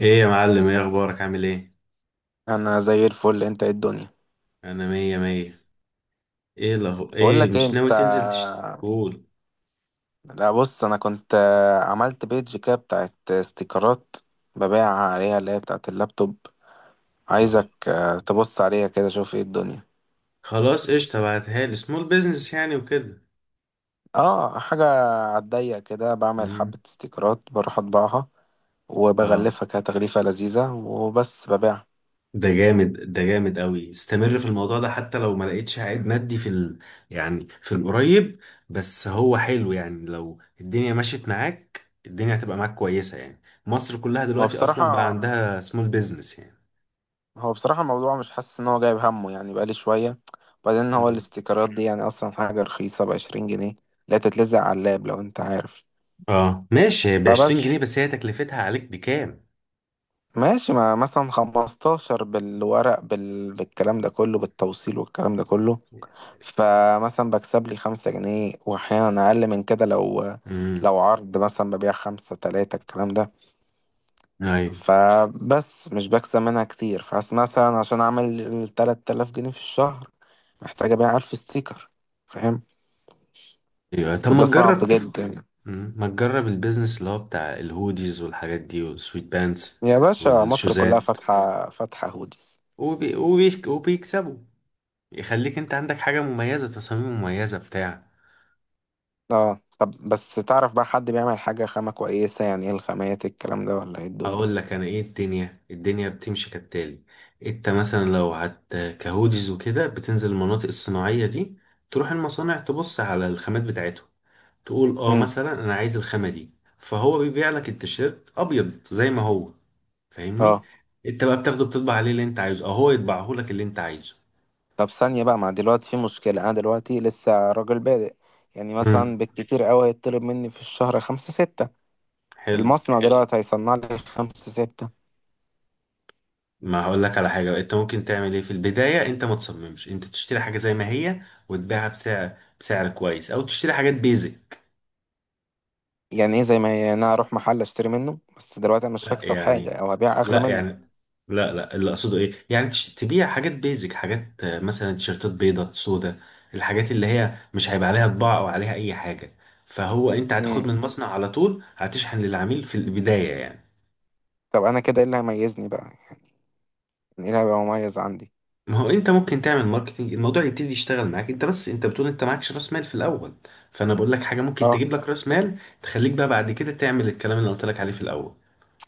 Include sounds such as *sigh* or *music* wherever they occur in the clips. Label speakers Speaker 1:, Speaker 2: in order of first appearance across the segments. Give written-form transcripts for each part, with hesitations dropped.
Speaker 1: ايه يا معلم، ايه اخبارك، عامل ايه؟
Speaker 2: انا زي الفل. انت ايه الدنيا؟
Speaker 1: انا مية مية.
Speaker 2: بقول
Speaker 1: ايه
Speaker 2: لك ايه
Speaker 1: مش ناوي
Speaker 2: انت؟
Speaker 1: تنزل تشتغل؟
Speaker 2: لا بص، انا كنت عملت بيج كده بتاعت استيكرات ببيع عليها، اللي هي بتاعت اللابتوب.
Speaker 1: اه.
Speaker 2: عايزك تبص عليها كده، شوف ايه الدنيا.
Speaker 1: خلاص قشطة، بعتها لي سمول بيزنس يعني وكده.
Speaker 2: اه، حاجة. عالضيق كده بعمل حبة
Speaker 1: امم.
Speaker 2: استيكرات، بروح اطبعها
Speaker 1: اه،
Speaker 2: وبغلفها كده تغليفة لذيذة وبس ببيعها.
Speaker 1: ده جامد، ده جامد قوي، استمر في الموضوع ده حتى لو ما لقيتش عائد مادي يعني في القريب. بس هو حلو، يعني لو الدنيا مشيت معاك الدنيا هتبقى معاك كويسة يعني. مصر كلها
Speaker 2: هو
Speaker 1: دلوقتي اصلا بقى
Speaker 2: بصراحة
Speaker 1: عندها سمول بيزنس يعني.
Speaker 2: هو بصراحة الموضوع مش حاسس ان هو جايب همه يعني، بقالي شوية. بعدين هو
Speaker 1: امم.
Speaker 2: الاستيكرات دي يعني اصلا حاجة رخيصة، ب 20 جنيه. لا تتلزق على اللاب لو انت عارف.
Speaker 1: اه ماشي، ب 20 جنيه
Speaker 2: فبس،
Speaker 1: بس هي تكلفتها عليك بكام؟
Speaker 2: ماشي. ما مثلا 15 بالورق، بالكلام ده كله، بالتوصيل والكلام ده كله. فمثلا بكسب لي 5 جنيه، واحيانا اقل من كده، لو
Speaker 1: امم.
Speaker 2: لو عرض مثلا ببيع 5 3 الكلام ده.
Speaker 1: ايوه.
Speaker 2: فبس، مش بكسب منها كتير. فحس مثلا عشان اعمل ال 3000 جنيه في الشهر، محتاج ابيع 1000 ستيكر. فاهم؟
Speaker 1: ايوه طب ما
Speaker 2: وده صعب
Speaker 1: تجرب
Speaker 2: جدا.
Speaker 1: مم. ما تجرب البيزنس اللي هو بتاع الهوديز والحاجات دي والسويت بانس
Speaker 2: يا باشا، مصر كلها
Speaker 1: والشوزات.
Speaker 2: فاتحة فاتحة هوديز.
Speaker 1: وبيكسبوا. يخليك انت عندك حاجة مميزة، تصاميم مميزة بتاع.
Speaker 2: اه، طب بس تعرف بقى حد بيعمل حاجة خامة كويسة؟ يعني ايه الخامات، إيه الكلام ده، ولا ايه الدنيا؟
Speaker 1: اقول لك انا ايه الدنيا، الدنيا بتمشي كالتالي. انت مثلا لو هت كهوديز وكده بتنزل المناطق الصناعية دي، تروح المصانع تبص على الخامات بتاعتهم، تقول اه
Speaker 2: امم.
Speaker 1: مثلا انا عايز الخامة دي. فهو بيبيع لك التيشيرت ابيض زي ما هو، فاهمني؟
Speaker 2: اه،
Speaker 1: انت بقى بتاخده بتطبع عليه اللي انت عايزه، او هو يطبعه لك اللي انت عايزه.
Speaker 2: طب ثانية بقى، ما دلوقتي في مشكلة، انا دلوقتي لسه راجل بادئ. يعني
Speaker 1: امم.
Speaker 2: مثلا بالكتير قوي هيطلب مني في الشهر 5 6.
Speaker 1: حلو.
Speaker 2: المصنع حلو، دلوقتي هيصنع لي 5 6؟
Speaker 1: ما هقول لك على حاجة انت ممكن تعمل ايه في البداية، انت ما تصممش، انت تشتري حاجة زي ما هي وتبيعها بسعر كويس، او تشتري حاجات بيزك.
Speaker 2: يعني ايه زي ما هي؟ يعني انا اروح محل اشتري منه، بس دلوقتي انا مش
Speaker 1: لا
Speaker 2: هكسب حاجه،
Speaker 1: يعني،
Speaker 2: او هبيع اغلى
Speaker 1: لا
Speaker 2: منه.
Speaker 1: يعني، لا لا، اللي اقصده ايه، يعني تبيع حاجات بيزك، حاجات مثلا تيشيرتات بيضة سودة، الحاجات اللي هي مش هيبقى عليها طباعة او عليها اي حاجة، فهو انت هتاخد من
Speaker 2: امم.
Speaker 1: المصنع على طول هتشحن للعميل في البداية يعني.
Speaker 2: طب انا كده ايه اللي هيميزني بقى يعني، ايه اللي هيبقى مميز عندي؟
Speaker 1: ما هو انت ممكن تعمل ماركتنج، الموضوع يبتدي يشتغل معاك، انت بس انت بتقول انت معكش راس مال في الاول، فانا بقول لك حاجة ممكن
Speaker 2: اه.
Speaker 1: تجيب لك راس مال تخليك بقى بعد كده تعمل الكلام اللي أنا قلت لك عليه في الاول.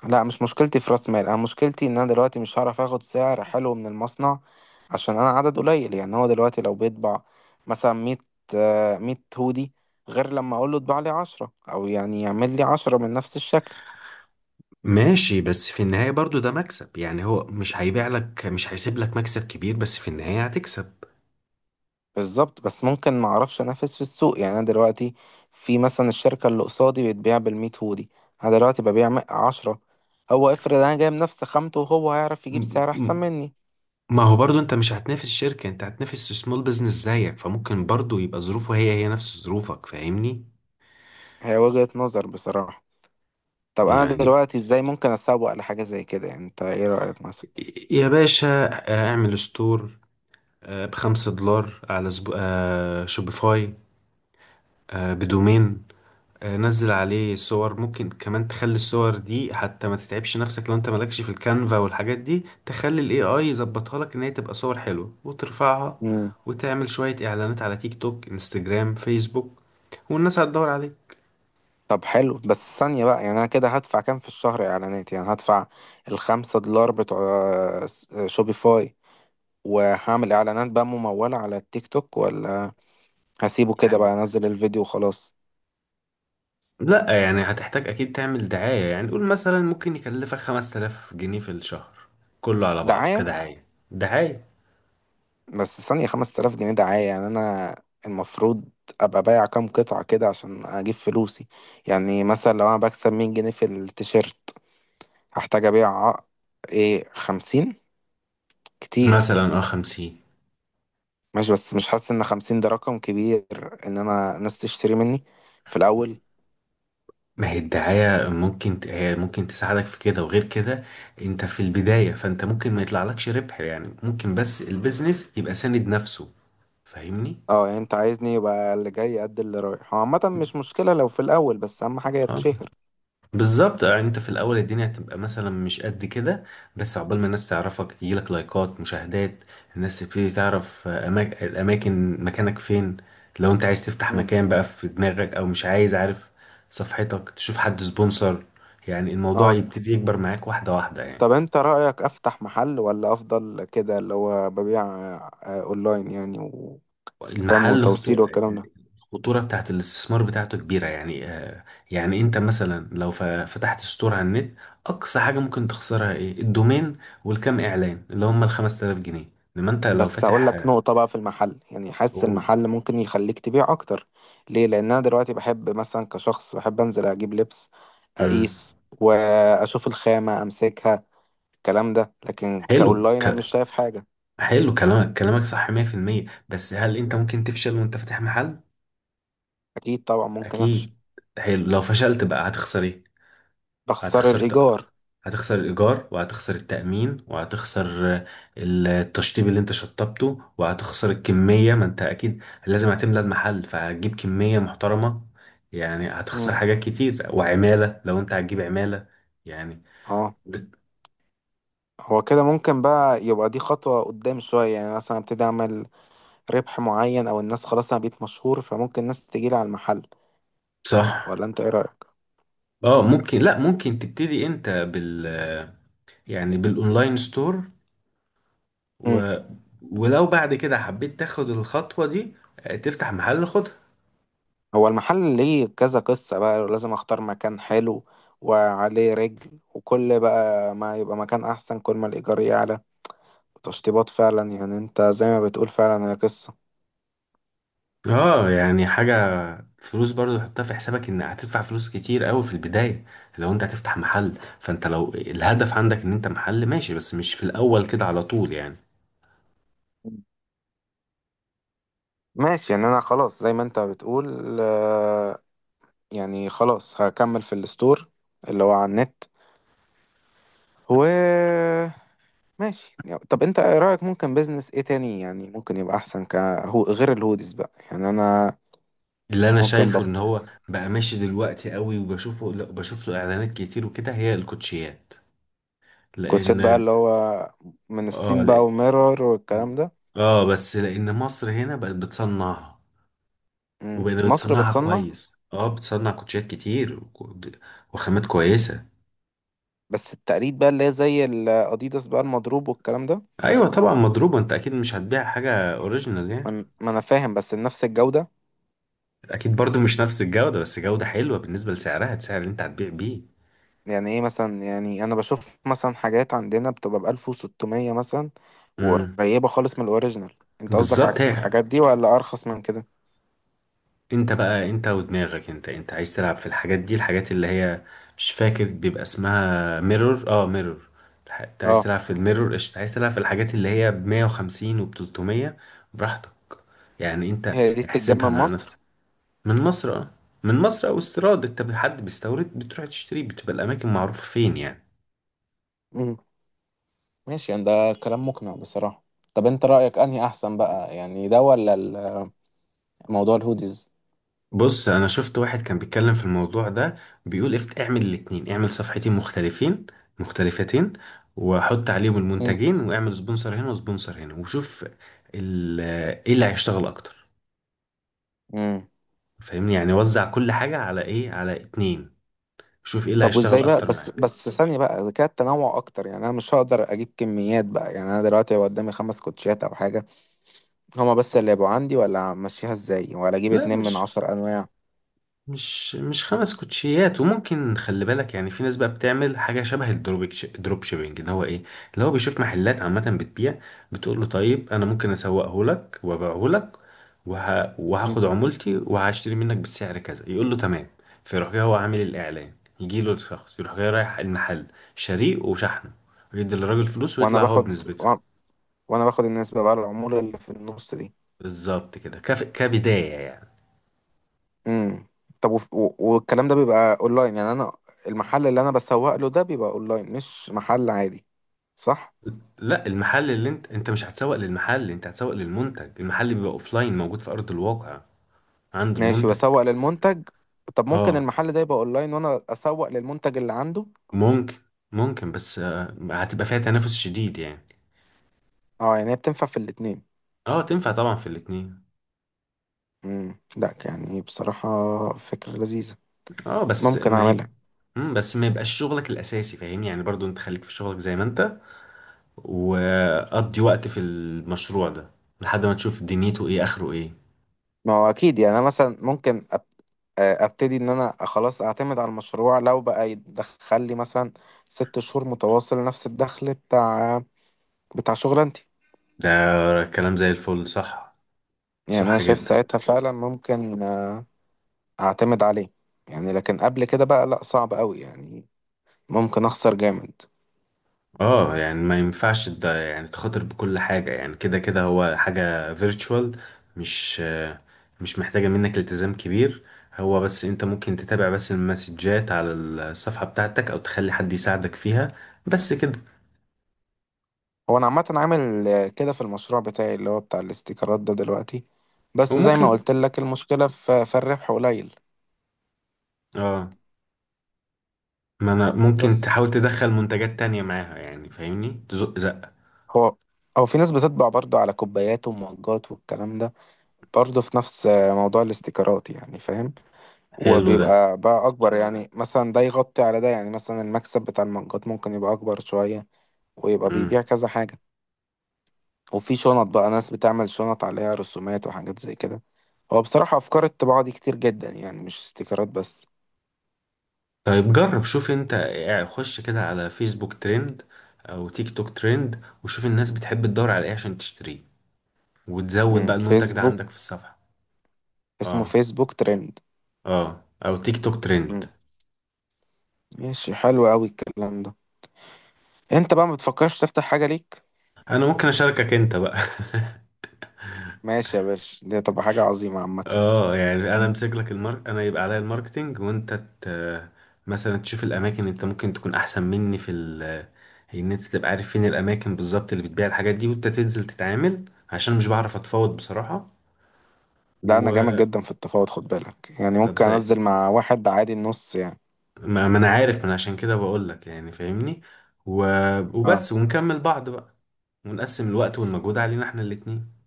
Speaker 2: لا مش مشكلتي في راس مال، انا مشكلتي ان انا دلوقتي مش هعرف اخد سعر حلو من المصنع، عشان انا عدد قليل. يعني هو دلوقتي لو بيطبع مثلا 100، 100 هودي، غير لما اقول له اطبع لي 10، او يعني يعمل لي 10 من نفس الشكل.
Speaker 1: ماشي بس في النهاية برضو ده مكسب، يعني هو مش هيبيع لك، مش هيسيب لك مكسب كبير، بس في النهاية هتكسب.
Speaker 2: بالظبط، بس ممكن ما اعرفش انافس في السوق. يعني انا دلوقتي في مثلا الشركه اللي قصادي بتبيع بال 100 هودي، انا دلوقتي ببيع عشرة. هو افرض انا جايب نفس خامته، وهو هيعرف يجيب
Speaker 1: م-
Speaker 2: سعر احسن
Speaker 1: م-
Speaker 2: مني.
Speaker 1: ما هو برضو انت مش هتنافس شركة، انت هتنافس سمول بزنس زيك، فممكن برضو يبقى ظروفه هي هي نفس ظروفك، فاهمني؟
Speaker 2: هي وجهة نظر بصراحه. طب انا
Speaker 1: يعني،
Speaker 2: دلوقتي ازاي ممكن اسوق لحاجه زي كده يعني؟ انت ايه رايك مثلا؟
Speaker 1: يا باشا، اعمل ستور ب 5 دولار على سب... آه، شوبيفاي، بدومين. نزل عليه صور، ممكن كمان تخلي الصور دي، حتى ما تتعبش نفسك، لو انت مالكش في الكانفا والحاجات دي تخلي الاي اي يظبطها لك ان هي تبقى صور حلوة وترفعها.
Speaker 2: امم.
Speaker 1: وتعمل شوية اعلانات على تيك توك، انستجرام، فيسبوك، والناس هتدور عليه.
Speaker 2: طب حلو، بس ثانيه بقى، يعني انا كده هدفع كام في الشهر اعلانات؟ يعني هدفع ال 5 دولار بتوع شوبيفاي، وهعمل اعلانات بقى ممولة على التيك توك، ولا هسيبه كده
Speaker 1: يعني،
Speaker 2: بقى انزل الفيديو وخلاص؟
Speaker 1: لا يعني هتحتاج اكيد تعمل دعاية، يعني قول مثلا ممكن يكلفك 5000 جنيه في الشهر كله على بعضه
Speaker 2: دعاية.
Speaker 1: كدعاية. دعاية.
Speaker 2: بس ثانية، 5000 جنيه دعاية؟ يعني انا المفروض ابقى بايع كام قطعة كده عشان اجيب فلوسي؟ يعني مثلا لو انا بكسب 100 جنيه في التيشيرت، هحتاج ابيع ايه، 50؟ كتير.
Speaker 1: مثلا اه 50.
Speaker 2: ماشي، بس مش حاسس ان 50 ده رقم كبير، ان انا ناس تشتري مني في الاول.
Speaker 1: ما هي الدعاية ممكن هي ممكن تساعدك في كده، وغير كده انت في البداية، فانت ممكن ما يطلعلكش ربح يعني، ممكن بس البيزنس يبقى ساند نفسه. فاهمني؟
Speaker 2: اه، يعني انت عايزني يبقى اللي جاي قد اللي رايح. هو عامة مش مشكلة لو في الاول، بس اهم حاجة
Speaker 1: اه.
Speaker 2: يتشهر.
Speaker 1: بالظبط، يعني انت في الاول الدنيا هتبقى مثلا مش قد كده، بس عقبال ما الناس تعرفك، تجيلك لايكات، مشاهدات، الناس تبتدي تعرف الاماكن، مكانك فين. لو انت عايز تفتح
Speaker 2: مم.
Speaker 1: مكان بقى في دماغك، او مش عايز، عارف صفحتك، تشوف حد سبونسر، يعني الموضوع
Speaker 2: اه،
Speaker 1: يبتدي يكبر معاك واحدة واحدة يعني.
Speaker 2: طب انت رأيك افتح محل، ولا افضل كده اللي هو ببيع اونلاين يعني، وفاهم،
Speaker 1: المحل خطو...
Speaker 2: وتوصيل والكلام ده؟
Speaker 1: الخطورة بتاعت الاستثمار بتاعته كبيرة يعني يعني انت مثلا لو فتحت ستور على النت، اقصى حاجة ممكن تخسرها ايه؟ الدومين والكام اعلان اللي هم ال 5000 جنيه. انما انت لو
Speaker 2: بس اقول
Speaker 1: فاتح
Speaker 2: لك نقطة بقى في المحل، يعني حاسس
Speaker 1: قول.
Speaker 2: المحل ممكن يخليك تبيع اكتر. ليه؟ لان انا دلوقتي بحب مثلا كشخص، بحب انزل اجيب لبس،
Speaker 1: مم.
Speaker 2: اقيس واشوف الخامة امسكها، الكلام ده. لكن
Speaker 1: حلو،
Speaker 2: كاونلاين انا
Speaker 1: ك...
Speaker 2: مش شايف حاجة.
Speaker 1: حلو كلامك صح 100%. بس هل انت ممكن تفشل وانت فاتح محل؟
Speaker 2: اكيد طبعا ممكن افشل.
Speaker 1: اكيد. حلو، لو فشلت بقى هتخسر ايه؟
Speaker 2: بخسر
Speaker 1: هتخسر
Speaker 2: الايجار.
Speaker 1: هتخسر الإيجار، وهتخسر التأمين، وهتخسر التشطيب اللي انت شطبته، وهتخسر الكمية، ما انت أكيد لازم هتملى المحل فهتجيب كمية محترمة، يعني هتخسر
Speaker 2: مم.
Speaker 1: حاجات كتير، وعمالة لو انت هتجيب عمالة. يعني
Speaker 2: اه،
Speaker 1: د-
Speaker 2: هو كده ممكن بقى، يبقى دي خطوة قدام شوية يعني، مثلا ابتدي اعمل ربح معين، او الناس خلاص انا بقيت مشهور فممكن الناس تجيلي على المحل.
Speaker 1: صح.
Speaker 2: ولا انت ايه رأيك؟
Speaker 1: اه ممكن، لا ممكن تبتدي انت بال، يعني بالاونلاين ستور،
Speaker 2: امم.
Speaker 1: و، ولو بعد كده حبيت تاخد الخطوة دي تفتح محل، خدها.
Speaker 2: هو المحل ليه كذا قصة بقى، لازم اختار مكان حلو وعليه رجل، وكل بقى ما يبقى مكان احسن كل ما الايجار يعلى، تشطيبات. فعلا يعني انت زي ما بتقول، فعلا هي قصة.
Speaker 1: اه يعني حاجة، فلوس برضو حطها في حسابك ان هتدفع فلوس كتير قوي في البداية لو انت هتفتح محل. فانت لو الهدف عندك ان انت محل ماشي، بس مش في الاول كده على طول يعني.
Speaker 2: مم. ماشي، يعني انا خلاص زي ما انت بتقول يعني خلاص هكمل في الستور اللي هو على النت، و ماشي يعني. طب انت ايه رأيك ممكن بيزنس ايه تاني يعني، ممكن يبقى احسن هو غير الهوديز بقى يعني؟ انا
Speaker 1: اللي انا
Speaker 2: ممكن بقى
Speaker 1: شايفه ان هو بقى ماشي دلوقتي قوي وبشوفه، لا بشوف له اعلانات كتير وكده، هي الكوتشيات.
Speaker 2: كوتشات *laughs* بقى،
Speaker 1: لان
Speaker 2: اللي هو من
Speaker 1: اه،
Speaker 2: الصين
Speaker 1: لا
Speaker 2: بقى وميرور والكلام ده؟
Speaker 1: اه، بس لان مصر هنا بقت بتصنعها
Speaker 2: مم.
Speaker 1: وبقت
Speaker 2: مصر
Speaker 1: بتصنعها
Speaker 2: بتصنع.
Speaker 1: كويس، اه بتصنع كوتشيات كتير وخامات كويسة.
Speaker 2: بس التقليد بقى اللي هي زي الاديداس بقى، المضروب والكلام ده.
Speaker 1: ايوه طبعا مضروبة، انت اكيد مش هتبيع حاجة اوريجينال يعني.
Speaker 2: ما انا فاهم، بس نفس الجودة.
Speaker 1: اكيد برضو مش نفس الجودة، بس جودة حلوة بالنسبة لسعرها، السعر اللي انت هتبيع بيه.
Speaker 2: يعني ايه مثلا؟ يعني انا بشوف مثلا حاجات عندنا بتبقى ب 1600 مثلا،
Speaker 1: امم.
Speaker 2: وقريبة خالص من الاوريجينال. انت قصدك على
Speaker 1: بالظبط، هي
Speaker 2: الحاجات دي ولا ارخص من كده؟
Speaker 1: انت بقى، انت ودماغك، انت عايز تلعب في الحاجات دي، الحاجات اللي هي مش فاكر بيبقى اسمها ميرور، اه ميرور. انت عايز
Speaker 2: اه.
Speaker 1: تلعب في الميرور قشطة، عايز تلعب في الحاجات اللي هي ب 150 وب 300 براحتك. يعني انت
Speaker 2: هي دي بتتجاب من
Speaker 1: احسبها مع نفسك.
Speaker 2: مصر؟
Speaker 1: من مصر اه، من مصر او استيراد، انت حد بيستورد بتروح تشتري، بتبقى الاماكن معروفة فين يعني.
Speaker 2: ماشي يعني، ده كلام مقنع بصراحة. طب انت رأيك انهي احسن بقى يعني، ده ولا موضوع الهوديز؟
Speaker 1: بص، انا شفت واحد كان بيتكلم في الموضوع ده، بيقول افت اعمل الاتنين، اعمل صفحتين مختلفين، مختلفتين، وحط عليهم
Speaker 2: امم.
Speaker 1: المنتجين واعمل سبونسر هنا وسبونسر هنا وشوف ال- ايه اللي هيشتغل اكتر،
Speaker 2: امم.
Speaker 1: فاهمني؟ يعني وزع كل حاجة على ايه، على اتنين، شوف ايه اللي
Speaker 2: طب
Speaker 1: هيشتغل
Speaker 2: وازاي بقى،
Speaker 1: اكتر
Speaker 2: بس
Speaker 1: معاك.
Speaker 2: بس ثانية بقى، اذا كان التنوع اكتر، يعني انا مش هقدر اجيب كميات بقى، يعني انا دلوقتي هيبقى قدامي 5 كوتشيات او حاجة، هما بس اللي يبقوا عندي؟ ولا امشيها ازاي، ولا اجيب
Speaker 1: لا،
Speaker 2: اتنين من
Speaker 1: مش
Speaker 2: عشر انواع
Speaker 1: مش مش خمس كوتشيات، وممكن خلي بالك يعني في ناس بقى بتعمل حاجه شبه الدروب، دروب شيبنج، اللي هو ايه؟ اللي هو بيشوف محلات عامه بتبيع، بتقول له طيب انا ممكن اسوقه لك وابيعه لك،
Speaker 2: مم.
Speaker 1: وهاخد عمولتي وهشتري منك بالسعر كذا، يقول له تمام، فيروح جاي هو عامل الاعلان، يجي له الشخص، يروح جاي رايح المحل شاريه وشحنه، ويدي للراجل فلوس
Speaker 2: وانا
Speaker 1: ويطلع هو
Speaker 2: باخد
Speaker 1: بنسبته،
Speaker 2: و- وانا باخد النسبة بقى، الامور اللي في النص دي.
Speaker 1: بالظبط كده، كبدايه يعني.
Speaker 2: امم. طب والكلام ده بيبقى اونلاين يعني، انا المحل اللي انا بسوق له ده بيبقى اونلاين، مش محل عادي، صح؟
Speaker 1: لا، المحل اللي انت مش هتسوق للمحل، انت هتسوق للمنتج، المحل بيبقى اوفلاين موجود في ارض الواقع عند
Speaker 2: ماشي،
Speaker 1: المنتج.
Speaker 2: بسوق للمنتج. طب ممكن
Speaker 1: اه
Speaker 2: المحل ده يبقى اونلاين وانا اسوق للمنتج اللي عنده؟
Speaker 1: ممكن، ممكن بس هتبقى فيها تنافس شديد يعني.
Speaker 2: اه يعني، هي بتنفع في الاتنين.
Speaker 1: اه تنفع طبعا في الاتنين.
Speaker 2: امم. لا يعني بصراحة فكرة لذيذة،
Speaker 1: اه بس
Speaker 2: ممكن
Speaker 1: ما يب...
Speaker 2: اعملها.
Speaker 1: مم، بس ما يبقاش شغلك الاساسي، فاهمني؟ يعني برضو انت خليك في شغلك زي ما انت، وقضي وقت في المشروع ده لحد ما تشوف دنيته ايه، اخره ايه.
Speaker 2: ما هو اكيد يعني، انا مثلا ممكن أب... آه، ابتدي ان انا خلاص اعتمد على المشروع لو بقى يدخل لي مثلا 6 شهور متواصل نفس الدخل بتاع شغلانتي.
Speaker 1: ده كلام زي الفل، صح.
Speaker 2: يعني انا
Speaker 1: صح
Speaker 2: شايف
Speaker 1: جدا.
Speaker 2: ساعتها فعلا ممكن اعتمد عليه. يعني لكن قبل كده بقى لا، صعب قوي يعني، ممكن اخسر جامد.
Speaker 1: اه يعني ما ينفعش ده، يعني تخاطر بكل حاجة، يعني كده كده هو حاجة فيرتشوال، مش مش محتاجة منك التزام كبير، هو بس انت ممكن تتابع بس المسجات على الصفحة بتاعتك، او تخلي حد يساعدك فيها، بس كده.
Speaker 2: هو انا عامه عامل كده في المشروع بتاعي اللي هو بتاع الاستيكرات ده دلوقتي، بس زي ما
Speaker 1: وممكن،
Speaker 2: قلت لك المشكله في الربح قليل.
Speaker 1: اه، ما انا ممكن
Speaker 2: بس
Speaker 1: تحاول تدخل منتجات تانية معاها يعني، فاهمني؟ تزق زق.
Speaker 2: هو او في ناس بتطبع برضه على كوبايات ومجات والكلام ده، برضه في نفس موضوع الاستيكرات، يعني فاهم.
Speaker 1: حلو ده.
Speaker 2: وبيبقى بقى اكبر، يعني مثلا ده يغطي على ده، يعني مثلا المكسب بتاع المجات ممكن يبقى اكبر شويه، ويبقى
Speaker 1: مم.
Speaker 2: بيبيع كذا حاجة. وفي شنط بقى، ناس بتعمل شنط عليها رسومات وحاجات زي كده. هو بصراحة أفكار الطباعة دي كتير جدا، يعني مش استيكرات بس.
Speaker 1: طيب جرب شوف انت يعني، خش كده على فيسبوك ترند او تيك توك ترند، وشوف الناس بتحب تدور على ايه عشان تشتريه، وتزود
Speaker 2: مم.
Speaker 1: بقى المنتج ده
Speaker 2: فيسبوك.
Speaker 1: عندك في الصفحة.
Speaker 2: اسمه
Speaker 1: اه،
Speaker 2: فيسبوك ترند؟
Speaker 1: اه او تيك توك ترند.
Speaker 2: مم. ماشي، حلو أوي الكلام ده. أنت بقى ما بتفكرش تفتح حاجة ليك؟
Speaker 1: انا ممكن اشاركك انت بقى *laughs*
Speaker 2: ماشي يا باشا، دي هتبقى حاجة عظيمة عامة.
Speaker 1: اه يعني انا
Speaker 2: مم.
Speaker 1: امسك لك المارك، انا يبقى عليا الماركتينج، وانت ت... مثلا تشوف الاماكن، انت ممكن تكون احسن مني ان انت تبقى عارف فين الاماكن بالظبط اللي بتبيع الحاجات دي، وانت تنزل تتعامل، عشان مش بعرف اتفاوض بصراحة.
Speaker 2: لا، أنا
Speaker 1: و،
Speaker 2: جامد جدا في التفاوض، خد بالك، يعني
Speaker 1: طب
Speaker 2: ممكن
Speaker 1: زي
Speaker 2: أنزل مع واحد عادي النص يعني.
Speaker 1: ما انا عارف، ما انا عشان كده بقول لك يعني، فاهمني. و...
Speaker 2: اه.
Speaker 1: وبس، ونكمل بعض بقى، ونقسم الوقت والمجهود علينا احنا الاتنين.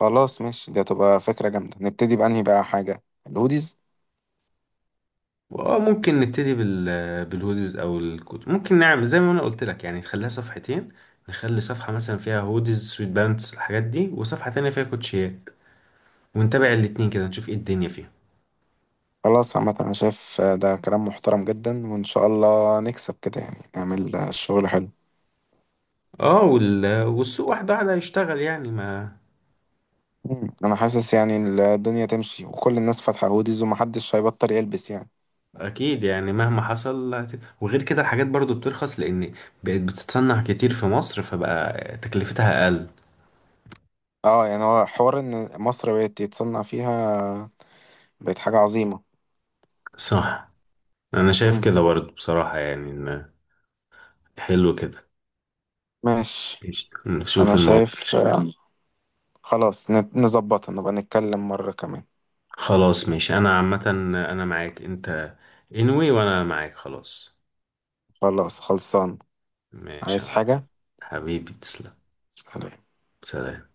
Speaker 2: خلاص ماشي، دي هتبقى فكرة جامدة. نبتدي بأنهي بقى حاجة، الهوديز؟
Speaker 1: اه ممكن نبتدي بال، بالهودز او الكوت. ممكن نعمل زي ما انا قلت لك، يعني نخليها صفحتين، نخلي صفحة مثلا فيها هودز، سويت بانتس، الحاجات دي، وصفحة تانية فيها كوتشيات، ونتابع الاتنين كده نشوف ايه الدنيا فيها.
Speaker 2: خلاص عامة، أنا شايف ده كلام محترم جدا، وإن شاء الله نكسب كده يعني، نعمل شغل حلو.
Speaker 1: اه والسوق واحدة واحدة هيشتغل يعني، ما
Speaker 2: مم. أنا حاسس يعني الدنيا تمشي، وكل الناس فاتحة هوديز ومحدش هيبطل يلبس يعني.
Speaker 1: اكيد يعني مهما حصل وغير كده الحاجات برضو بترخص، لان بقت بتتصنع كتير في مصر، فبقى تكلفتها اقل.
Speaker 2: اه يعني، هو حوار إن مصر بقت يتصنع فيها بقت حاجة عظيمة.
Speaker 1: صح. انا شايف
Speaker 2: مم.
Speaker 1: كده برضو بصراحة، يعني إن حلو كده.
Speaker 2: ماشي.
Speaker 1: قشطة. نشوف
Speaker 2: أنا
Speaker 1: الموضوع.
Speaker 2: شايف خلاص نظبطها، نبقى نتكلم مرة كمان.
Speaker 1: خلاص ماشي، انا عامة انا معاك انت، انوي وانا معاك خلاص.
Speaker 2: خلاص خلصان.
Speaker 1: ماشي يا
Speaker 2: عايز
Speaker 1: معلم.
Speaker 2: حاجة؟
Speaker 1: حبيبي تسلم.
Speaker 2: سلام.
Speaker 1: سلام.